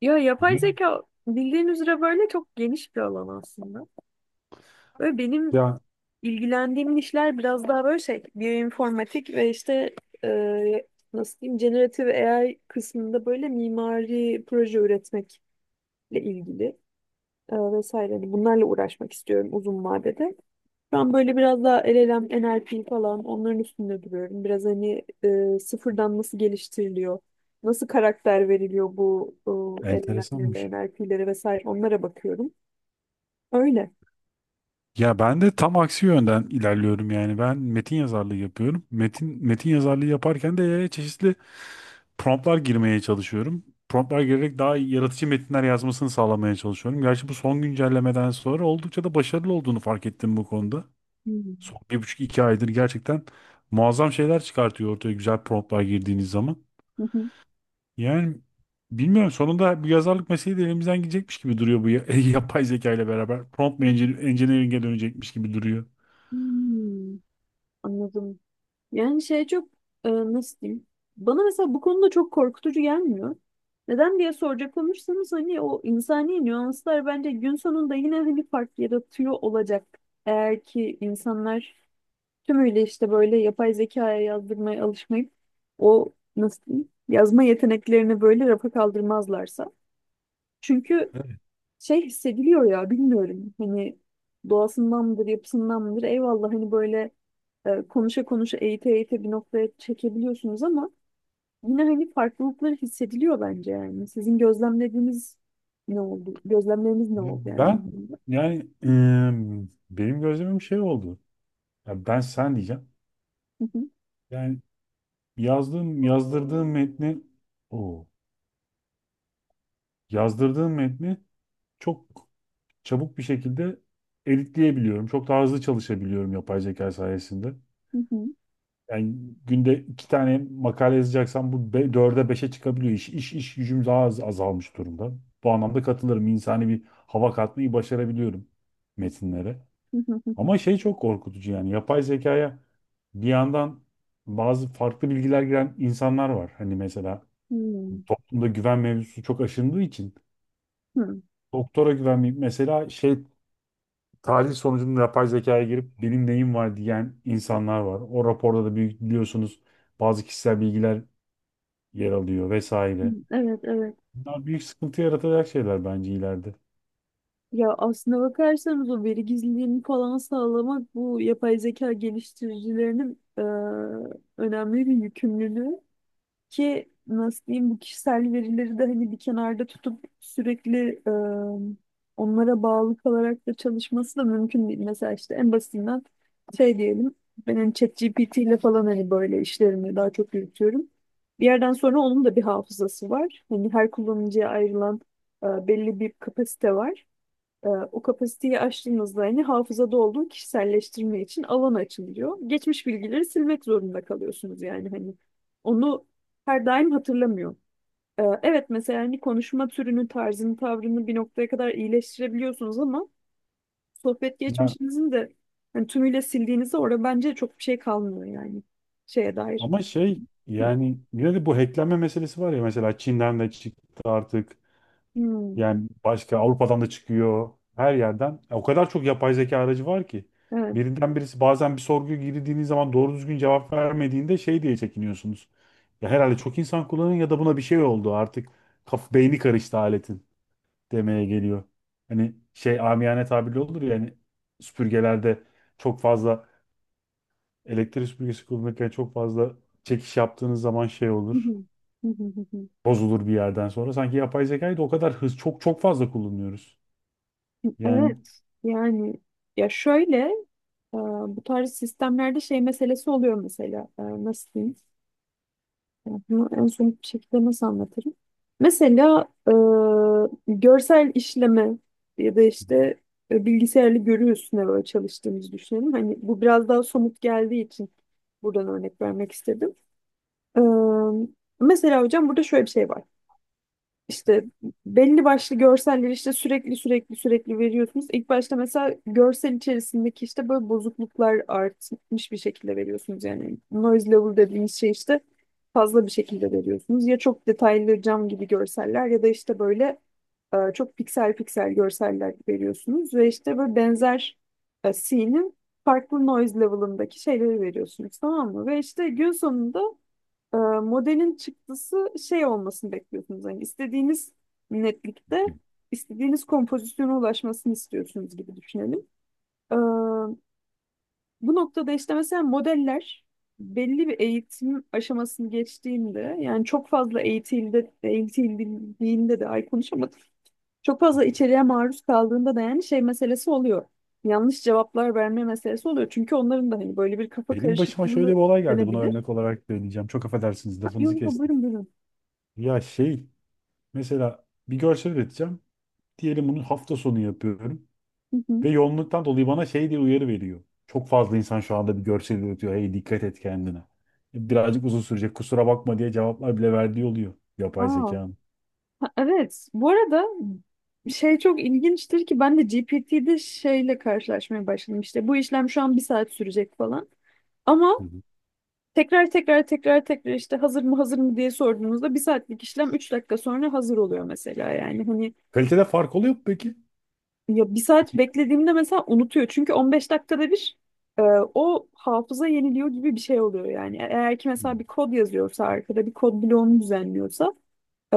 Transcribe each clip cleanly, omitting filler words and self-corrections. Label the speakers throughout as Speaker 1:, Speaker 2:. Speaker 1: Ya yapay
Speaker 2: Evet.
Speaker 1: zeka bildiğin üzere böyle çok geniş bir alan aslında. Böyle benim
Speaker 2: Ya
Speaker 1: ilgilendiğim işler biraz daha böyle şey, biyoinformatik ve işte e, nasıl diyeyim, generative AI kısmında böyle mimari proje üretmekle ilgili vesaire. Hani bunlarla uğraşmak istiyorum uzun vadede. Şu an böyle biraz daha LLM, NLP falan onların üstünde duruyorum. Biraz hani sıfırdan nasıl geliştiriliyor, nasıl karakter veriliyor bu LLM'lere,
Speaker 2: Enteresanmış.
Speaker 1: NLP'lere vesaire onlara bakıyorum. Öyle.
Speaker 2: Ya ben de tam aksi yönden ilerliyorum yani. Ben metin yazarlığı yapıyorum. Metin yazarlığı yaparken de çeşitli promptlar girmeye çalışıyorum. Promptlar girerek daha yaratıcı metinler yazmasını sağlamaya çalışıyorum. Gerçi bu son güncellemeden sonra oldukça da başarılı olduğunu fark ettim bu konuda.
Speaker 1: Hmm.
Speaker 2: Son bir buçuk iki aydır gerçekten muazzam şeyler çıkartıyor ortaya güzel promptlar girdiğiniz zaman.
Speaker 1: Hı hı.
Speaker 2: Yani bilmiyorum sonunda bu yazarlık mesleği de elimizden gidecekmiş gibi duruyor bu ya- yapay zeka ile beraber. Prompt mu engineer- engineering'e dönecekmiş gibi duruyor.
Speaker 1: Hmm, anladım. Yani şey çok nasıl diyeyim? Bana mesela bu konuda çok korkutucu gelmiyor. Neden diye soracak olursanız hani o insani nüanslar bence gün sonunda yine hani fark yaratıyor olacak. Eğer ki insanlar tümüyle işte böyle yapay zekaya yazdırmaya alışmayıp o nasıl diyeyim, yazma yeteneklerini böyle rafa kaldırmazlarsa. Çünkü
Speaker 2: Evet.
Speaker 1: şey hissediliyor ya bilmiyorum hani doğasından mıdır yapısından mıdır eyvallah hani böyle konuşa konuşa eğite eğite bir noktaya çekebiliyorsunuz ama yine hani farklılıkları hissediliyor bence yani. Sizin gözlemlediğiniz ne oldu? Gözlemleriniz ne oldu yani,
Speaker 2: Ben
Speaker 1: bu konuda?
Speaker 2: yani benim gözlemim şey oldu. Ya ben sen diyeceğim.
Speaker 1: Hı hı,
Speaker 2: Yani yazdırdığım metni o yazdırdığım metni çok çabuk bir şekilde editleyebiliyorum. Çok daha hızlı çalışabiliyorum yapay zeka sayesinde.
Speaker 1: hı hı,
Speaker 2: Yani günde iki tane makale yazacaksan bu dörde beşe çıkabiliyor iş. İş gücüm daha az azalmış durumda. Bu anlamda katılırım. İnsani bir hava katmayı başarabiliyorum metinlere.
Speaker 1: hı hı, hı
Speaker 2: Ama şey çok korkutucu yani. Yapay zekaya bir yandan bazı farklı bilgiler giren insanlar var. Hani mesela
Speaker 1: hı,
Speaker 2: toplumda güven mevzusu çok aşındığı için
Speaker 1: hı. Hı, hı.
Speaker 2: doktora güvenmeyip mesela şey tahlil sonucunda yapay zekaya girip benim neyim var diyen insanlar var. O raporda da büyük biliyorsunuz bazı kişisel bilgiler yer alıyor vesaire.
Speaker 1: Evet, evet.
Speaker 2: Bunlar büyük sıkıntı yaratacak şeyler bence ileride.
Speaker 1: Ya aslına bakarsanız o veri gizliliğini falan sağlamak bu yapay zeka geliştiricilerinin önemli bir yükümlülüğü ki nasıl diyeyim bu kişisel verileri de hani bir kenarda tutup sürekli onlara bağlı kalarak da çalışması da mümkün değil. Mesela işte en basitinden şey diyelim ben hani ChatGPT ile falan hani böyle işlerimi daha çok yürütüyorum. Bir yerden sonra onun da bir hafızası var. Hani her kullanıcıya ayrılan belli bir kapasite var. O kapasiteyi aştığınızda hani hafızada olduğu kişiselleştirme için alan açılıyor. Geçmiş bilgileri silmek zorunda kalıyorsunuz yani hani onu her daim hatırlamıyor. Evet, mesela hani konuşma türünü, tarzını, tavrını bir noktaya kadar iyileştirebiliyorsunuz ama sohbet
Speaker 2: Ya,
Speaker 1: geçmişinizin de hani tümüyle sildiğinizde orada bence çok bir şey kalmıyor yani şeye dair.
Speaker 2: ama şey
Speaker 1: Hı.
Speaker 2: yani yine de bu hacklenme meselesi var ya, mesela Çin'den de çıktı artık.
Speaker 1: Hmm,
Speaker 2: Yani başka Avrupa'dan da çıkıyor. Her yerden. O kadar çok yapay zeka aracı var ki.
Speaker 1: evet.
Speaker 2: Birinden birisi bazen bir sorguya girdiğiniz zaman doğru düzgün cevap vermediğinde şey diye çekiniyorsunuz. Ya herhalde çok insan kullanıyor ya da buna bir şey oldu artık. Kaf beyni karıştı aletin demeye geliyor. Hani şey amiyane tabirle olur ya hani süpürgelerde çok fazla elektrik süpürgesi kullanırken çok fazla çekiş yaptığınız zaman şey olur. Bozulur bir yerden sonra. Sanki yapay zekayı da o kadar çok fazla kullanıyoruz. Yani
Speaker 1: Evet yani, ya şöyle. Ee, Bu tarz sistemlerde şey meselesi oluyor mesela. Nasıl diyeyim? Yani bunu en son bir şekilde nasıl anlatırım? Mesela görsel işleme ya da işte bilgisayarlı görü üstüne böyle çalıştığımızı düşünelim. Hani bu biraz daha somut geldiği için buradan örnek vermek istedim. Ee, Mesela hocam burada şöyle bir şey var. İşte belli başlı görselleri işte sürekli sürekli sürekli veriyorsunuz. İlk başta mesela görsel içerisindeki işte böyle bozukluklar artmış bir şekilde veriyorsunuz. Yani noise level dediğimiz şey işte fazla bir şekilde veriyorsunuz. Ya çok detaylı cam gibi görseller ya da işte böyle çok piksel piksel görseller veriyorsunuz. Ve işte böyle benzer scene'in farklı noise level'ındaki şeyleri veriyorsunuz, tamam mı? Ve işte gün sonunda modelin çıktısı şey olmasını bekliyorsunuz. Hani istediğiniz netlikte istediğiniz kompozisyona ulaşmasını istiyorsunuz gibi düşünelim. E, Bu noktada işte mesela modeller belli bir eğitim aşamasını geçtiğinde yani çok fazla eğitildi, eğitildiğinde de ay konuşamadım. Çok fazla içeriğe maruz kaldığında da yani şey meselesi oluyor. Yanlış cevaplar verme meselesi oluyor. Çünkü onların da hani böyle bir kafa
Speaker 2: benim başıma şöyle bir
Speaker 1: karışıklığı
Speaker 2: olay geldi. Buna
Speaker 1: denebilir.
Speaker 2: örnek olarak söyleyeceğim. Çok affedersiniz
Speaker 1: Ha, yok
Speaker 2: lafınızı
Speaker 1: yok,
Speaker 2: kestim.
Speaker 1: buyurun buyurun.
Speaker 2: Ya şey mesela bir görsel üreteceğim. Diyelim bunu hafta sonu yapıyorum.
Speaker 1: Hı hı.
Speaker 2: Ve yoğunluktan dolayı bana şey diye uyarı veriyor. Çok fazla insan şu anda bir görsel üretiyor. Hey dikkat et kendine. Birazcık uzun sürecek. Kusura bakma diye cevaplar bile verdiği oluyor.
Speaker 1: Aa.
Speaker 2: Yapay zekanın.
Speaker 1: Ha, evet, bu arada şey çok ilginçtir ki ben de GPT'de şeyle karşılaşmaya başladım. İşte bu işlem şu an bir saat sürecek falan.
Speaker 2: Hı
Speaker 1: Ama
Speaker 2: hı.
Speaker 1: tekrar tekrar tekrar tekrar işte hazır mı hazır mı diye sorduğunuzda bir saatlik işlem 3 dakika sonra hazır oluyor mesela yani hani
Speaker 2: Kalitede fark oluyor mu peki?
Speaker 1: ya bir saat beklediğimde mesela unutuyor çünkü 15 dakikada bir e, o hafıza yeniliyor gibi bir şey oluyor yani. Eğer ki
Speaker 2: Hı
Speaker 1: mesela bir kod yazıyorsa arkada bir kod bloğunu düzenliyorsa Ee,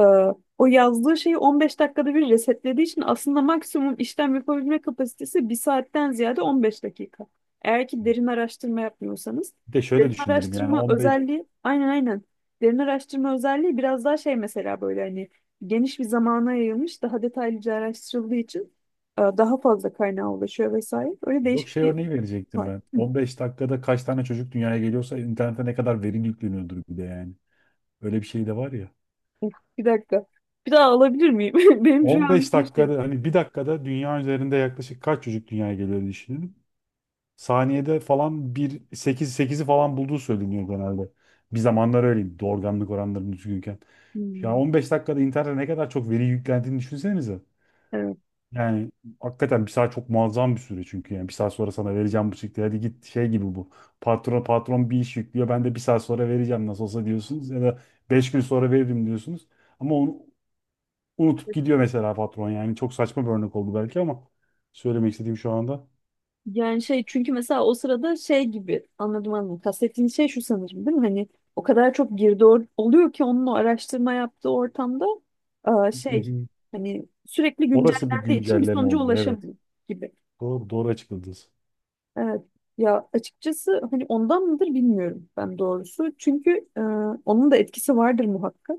Speaker 1: o yazdığı şeyi 15 dakikada bir resetlediği için aslında maksimum işlem yapabilme kapasitesi bir saatten ziyade 15 dakika. Eğer ki
Speaker 2: hı.
Speaker 1: derin araştırma yapmıyorsanız.
Speaker 2: Bir de şöyle
Speaker 1: Derin
Speaker 2: düşünelim yani
Speaker 1: araştırma
Speaker 2: 15
Speaker 1: özelliği aynen aynen. Derin araştırma özelliği biraz daha şey mesela böyle hani geniş bir zamana yayılmış daha detaylıca araştırıldığı için daha fazla kaynağa ulaşıyor vesaire. Öyle
Speaker 2: yok,
Speaker 1: değişik
Speaker 2: şey
Speaker 1: bir şey
Speaker 2: örneği verecektim
Speaker 1: var.
Speaker 2: ben.
Speaker 1: Hı.
Speaker 2: 15 dakikada kaç tane çocuk dünyaya geliyorsa internete ne kadar veri yükleniyordur bir de yani. Öyle bir şey de var ya.
Speaker 1: Of, bir dakika. Bir daha alabilir miyim? Benim şu an
Speaker 2: 15
Speaker 1: bir şey.
Speaker 2: dakikada hani bir dakikada dünya üzerinde yaklaşık kaç çocuk dünyaya geliyor diye düşünelim. Saniyede falan bir 8 sekizi falan bulduğu söyleniyor genelde. Bir zamanlar öyleydi doğurganlık oranları düzgünken. Ya
Speaker 1: Hmm.
Speaker 2: 15 dakikada internete ne kadar çok veri yüklendiğini düşünsenize. Yani hakikaten bir saat çok muazzam bir süre çünkü yani bir saat sonra sana vereceğim bu çıktı hadi git şey gibi bu. Patron bir iş yüklüyor, ben de bir saat sonra vereceğim nasıl olsa diyorsunuz ya da 5 gün sonra veririm diyorsunuz. Ama onu unutup gidiyor mesela patron, yani çok saçma bir örnek oldu belki ama söylemek istediğim şu anda.
Speaker 1: Yani şey çünkü mesela o sırada şey gibi anladım anladım. Kastettiğin şey şu sanırım değil mi? Hani o kadar çok girdi oluyor ki onun o araştırma yaptığı ortamda
Speaker 2: Hı
Speaker 1: şey
Speaker 2: hı.
Speaker 1: hani sürekli
Speaker 2: Orası bir
Speaker 1: güncellendiği için bir
Speaker 2: güncelleme
Speaker 1: sonuca
Speaker 2: oluyor, evet.
Speaker 1: ulaşamıyor gibi.
Speaker 2: Doğru, doğru açıkladınız.
Speaker 1: Evet. Ya açıkçası hani ondan mıdır bilmiyorum ben doğrusu. Çünkü e, onun da etkisi vardır muhakkak.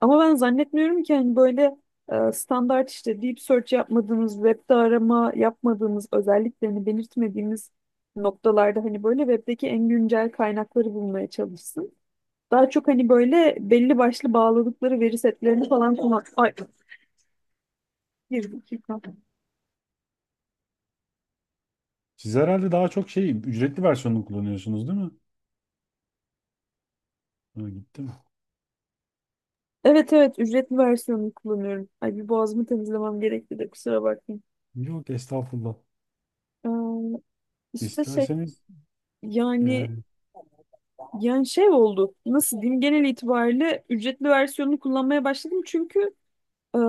Speaker 1: Ama ben zannetmiyorum ki hani böyle standart işte deep search yapmadığınız, webde arama yapmadığınız, özelliklerini belirtmediğiniz noktalarda hani böyle webdeki en güncel kaynakları bulmaya çalışsın. Daha çok hani böyle belli başlı bağladıkları veri setlerini falan kullan. Ay, bir dakika.
Speaker 2: Siz herhalde daha çok şey, ücretli versiyonunu kullanıyorsunuz değil mi? Ha, gitti mi?
Speaker 1: Evet evet, ücretli versiyonunu kullanıyorum. Ay, bir boğazımı temizlemem gerekti de kusura bakmayın.
Speaker 2: Yok estağfurullah.
Speaker 1: Ee, işte şey
Speaker 2: İsterseniz e, hı
Speaker 1: yani. Yani şey oldu. Nasıl diyeyim? Genel itibariyle ücretli versiyonunu kullanmaya başladım çünkü eee,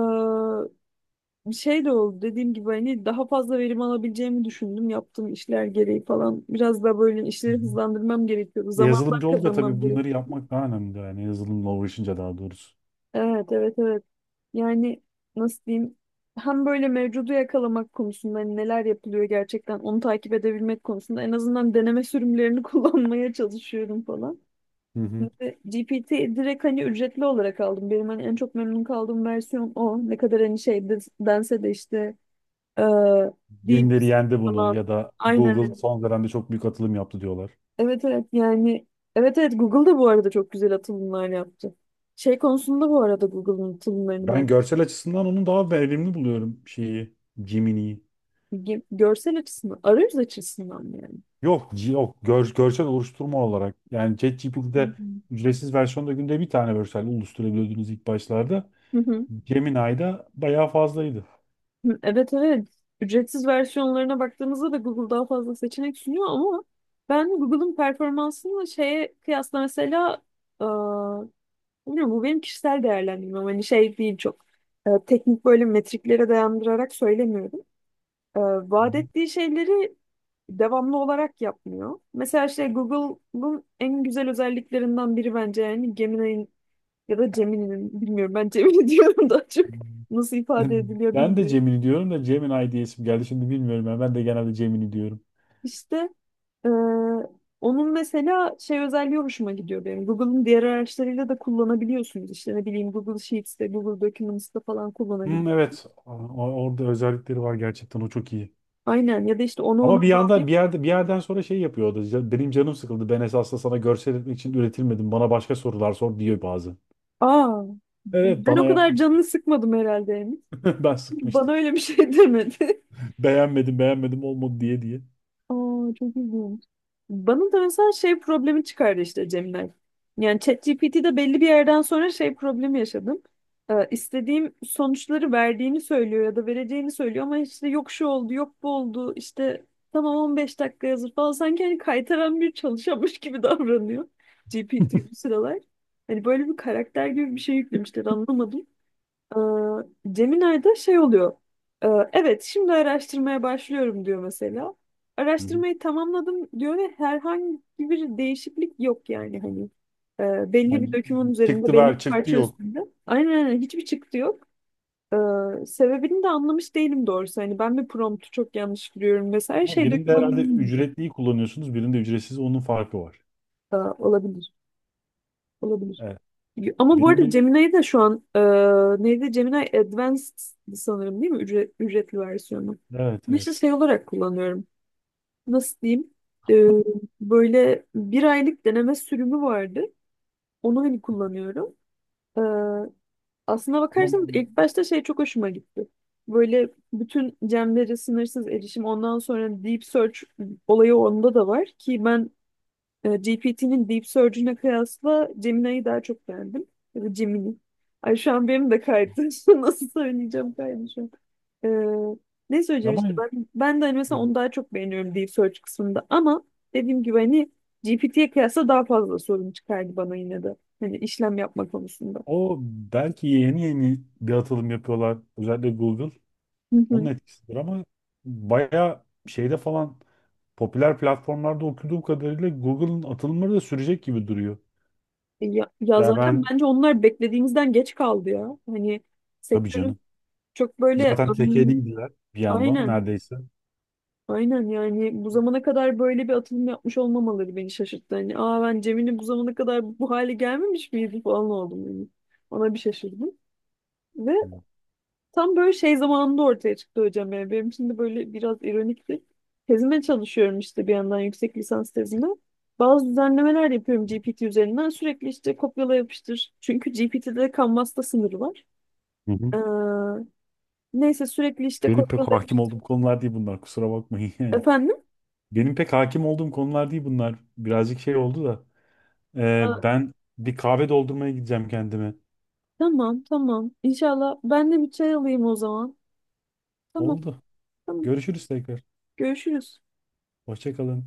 Speaker 1: bir şey de oldu. Dediğim gibi hani daha fazla verim alabileceğimi düşündüm. Yaptığım işler gereği falan. Biraz daha böyle işleri
Speaker 2: hı.
Speaker 1: hızlandırmam gerekiyordu. Zamandan
Speaker 2: Yazılımcı olunca
Speaker 1: kazanmam
Speaker 2: tabii bunları
Speaker 1: gerekiyordu.
Speaker 2: yapmak daha önemli yani, yazılımla uğraşınca daha doğrusu.
Speaker 1: Evet, evet, evet. Yani nasıl diyeyim? Hem böyle mevcudu yakalamak konusunda hani neler yapılıyor gerçekten onu takip edebilmek konusunda en azından deneme sürümlerini kullanmaya çalışıyorum falan.
Speaker 2: Hı hı.
Speaker 1: Şimdi GPT direkt hani ücretli olarak aldım. Benim hani en çok memnun kaldığım versiyon o. Ne kadar hani şey dense de işte e,
Speaker 2: Yenileri
Speaker 1: DeepSeek
Speaker 2: yendi bunu
Speaker 1: falan.
Speaker 2: ya da
Speaker 1: Aynen
Speaker 2: Google
Speaker 1: öyle.
Speaker 2: son dönemde çok büyük atılım yaptı diyorlar.
Speaker 1: Evet evet yani, evet evet, Google da bu arada çok güzel atılımlar yaptı. Şey konusunda bu arada Google'ın atılımlarını
Speaker 2: Ben
Speaker 1: ben
Speaker 2: görsel açısından onu daha verimli buluyorum, şeyi, Gemini'yi.
Speaker 1: görsel açısından, arayüz açısından mı yani?
Speaker 2: Yok G- yok gör- görsel oluşturma olarak yani,
Speaker 1: Hı
Speaker 2: ChatGPT'de
Speaker 1: hı.
Speaker 2: ücretsiz versiyonda günde bir tane görsel oluşturabiliyordunuz ilk başlarda.
Speaker 1: Hı hı.
Speaker 2: Gemini'de bayağı fazlaydı.
Speaker 1: Hı, evet evet. Ücretsiz versiyonlarına baktığımızda da Google daha fazla seçenek sunuyor ama ben Google'ın performansını şeye kıyasla mesela eee, bilmiyorum, bu benim kişisel değerlendirmem. Hani şey değil çok teknik böyle metriklere dayandırarak söylemiyorum. Eee
Speaker 2: Hı
Speaker 1: Vaat
Speaker 2: hı.
Speaker 1: ettiği şeyleri devamlı olarak yapmıyor. Mesela işte Google'ın en güzel özelliklerinden biri bence yani Gemini'nin ya da Gemini'nin bilmiyorum ben Gemini diyorum daha çok, nasıl ifade ediliyor
Speaker 2: Ben de
Speaker 1: bilmiyorum.
Speaker 2: Gemini diyorum da Gemini diye isim geldi. Şimdi bilmiyorum ya. Ben de genelde Gemini diyorum.
Speaker 1: İşte Ee, onun mesela şey özelliği hoşuma gidiyor benim. Google'ın diğer araçlarıyla da kullanabiliyorsunuz. İşte ne bileyim Google Sheets'te, Google Documents'te falan
Speaker 2: Hmm,
Speaker 1: kullanabiliyorsunuz.
Speaker 2: evet. O- orada özellikleri var gerçekten. O çok iyi.
Speaker 1: Aynen, ya da işte onu
Speaker 2: Ama
Speaker 1: ona
Speaker 2: bir yanda
Speaker 1: bağlayıp
Speaker 2: bir yerde bir yerden sonra şey yapıyor o da. "Ya benim canım sıkıldı. Ben esasında sana görsel etmek için üretilmedim. Bana başka sorular sor" diyor bazı.
Speaker 1: aa
Speaker 2: Evet
Speaker 1: ben o
Speaker 2: bana
Speaker 1: kadar
Speaker 2: yapmıştım.
Speaker 1: canını sıkmadım herhalde, Emin.
Speaker 2: Ben
Speaker 1: Bana
Speaker 2: sıkmıştım.
Speaker 1: öyle bir şey demedi.
Speaker 2: Beğenmedim, olmadı diye.
Speaker 1: Aa, çok ilginç. Bana da mesela şey problemi çıkardı işte, Cemile. Yani ChatGPT'de belli bir yerden sonra şey problemi yaşadım. İstediğim sonuçları verdiğini söylüyor ya da vereceğini söylüyor ama işte yok şu oldu, yok bu oldu, işte tamam 15 dakika hazır falan. Sanki hani kaytaran bir çalışanmış gibi davranıyor GPT bu sıralar. Hani böyle bir karakter gibi bir şey yüklemişler anlamadım. Ee, Gemini'de şey oluyor. Ee, evet, şimdi araştırmaya başlıyorum diyor mesela.
Speaker 2: Hı hı.
Speaker 1: Araştırmayı tamamladım diyor ve herhangi bir değişiklik yok yani hani. Belli bir
Speaker 2: Yani
Speaker 1: dökümün üzerinde,
Speaker 2: çıktı
Speaker 1: belli bir
Speaker 2: ver, çıktı
Speaker 1: parça
Speaker 2: yok.
Speaker 1: üstünde. Aynen aynen, hiçbir çıktı yok. Sebebini de anlamış değilim doğrusu. Hani ben bir promptu çok yanlış giriyorum vesaire
Speaker 2: Ama
Speaker 1: şey
Speaker 2: birinde
Speaker 1: dökümanı.
Speaker 2: herhalde ücretliyi kullanıyorsunuz, birinde ücretsiz, onun farkı var.
Speaker 1: Olabilir. Olabilir.
Speaker 2: Evet.
Speaker 1: Ama bu
Speaker 2: Benim
Speaker 1: arada
Speaker 2: bir
Speaker 1: Gemini'yi de şu an neydi? Gemini Advanced sanırım değil mi? Ücretli versiyonu.
Speaker 2: evet
Speaker 1: Ben işte
Speaker 2: evet.
Speaker 1: şey olarak kullanıyorum. Nasıl diyeyim? E, Böyle bir aylık deneme sürümü vardı. Onu hani kullanıyorum. E, Aslına
Speaker 2: Ama
Speaker 1: bakarsanız ilk başta şey çok hoşuma gitti. Böyle bütün gemlere sınırsız erişim. Ondan sonra Deep Search olayı onda da var ki ben GPT'nin Deep Surge'üne kıyasla Gemini'yi daha çok beğendim. Ya da Gemini. Ay şu an benim de kaydı. Nasıl söyleyeceğim, kaydı şu an. E, Ne söyleyeceğim
Speaker 2: ama
Speaker 1: işte ben, de hani
Speaker 2: e,
Speaker 1: mesela onu daha çok beğeniyorum Deep Search kısmında ama dediğim gibi hani GPT'ye kıyasla daha fazla sorun çıkardı bana yine de. Hani işlem yapma konusunda.
Speaker 2: o belki yeni yeni bir atılım yapıyorlar. Özellikle Google.
Speaker 1: Hı
Speaker 2: Onun
Speaker 1: hı.
Speaker 2: etkisidir ama bayağı şeyde falan popüler platformlarda okuduğum kadarıyla Google'ın atılımları da sürecek gibi duruyor.
Speaker 1: Ya,
Speaker 2: Yani
Speaker 1: zaten
Speaker 2: ben,
Speaker 1: bence onlar beklediğimizden geç kaldı ya. Hani
Speaker 2: tabii
Speaker 1: sektörün
Speaker 2: canım.
Speaker 1: çok böyle
Speaker 2: Zaten tekeliydiler bir yandan
Speaker 1: aynen.
Speaker 2: neredeyse.
Speaker 1: Aynen yani bu zamana kadar böyle bir atılım yapmış olmamaları beni şaşırttı. Hani ben, Cemile bu zamana kadar bu hale gelmemiş miydi falan oldum yani. Ona bir şaşırdım. Ve
Speaker 2: Hı
Speaker 1: tam böyle şey zamanında ortaya çıktı hocam yani. Benim için de böyle biraz ironikti. Tezime çalışıyorum işte bir yandan, yüksek lisans tezime. Bazı düzenlemeler yapıyorum GPT üzerinden. Sürekli işte kopyala yapıştır. Çünkü GPT'de kanvasta sınırı var.
Speaker 2: hı.
Speaker 1: Ee, Neyse sürekli işte
Speaker 2: Benim pek
Speaker 1: kopyala
Speaker 2: hakim
Speaker 1: yapıştır.
Speaker 2: olduğum konular değil bunlar. Kusura bakmayın yani.
Speaker 1: Efendim?
Speaker 2: Benim pek hakim olduğum konular değil bunlar. Birazcık şey oldu da. Ben bir kahve doldurmaya gideceğim kendime.
Speaker 1: Tamam tamam. İnşallah ben de bir çay alayım o zaman. Tamam
Speaker 2: Oldu.
Speaker 1: tamam.
Speaker 2: Görüşürüz tekrar.
Speaker 1: Görüşürüz.
Speaker 2: Hoşça kalın.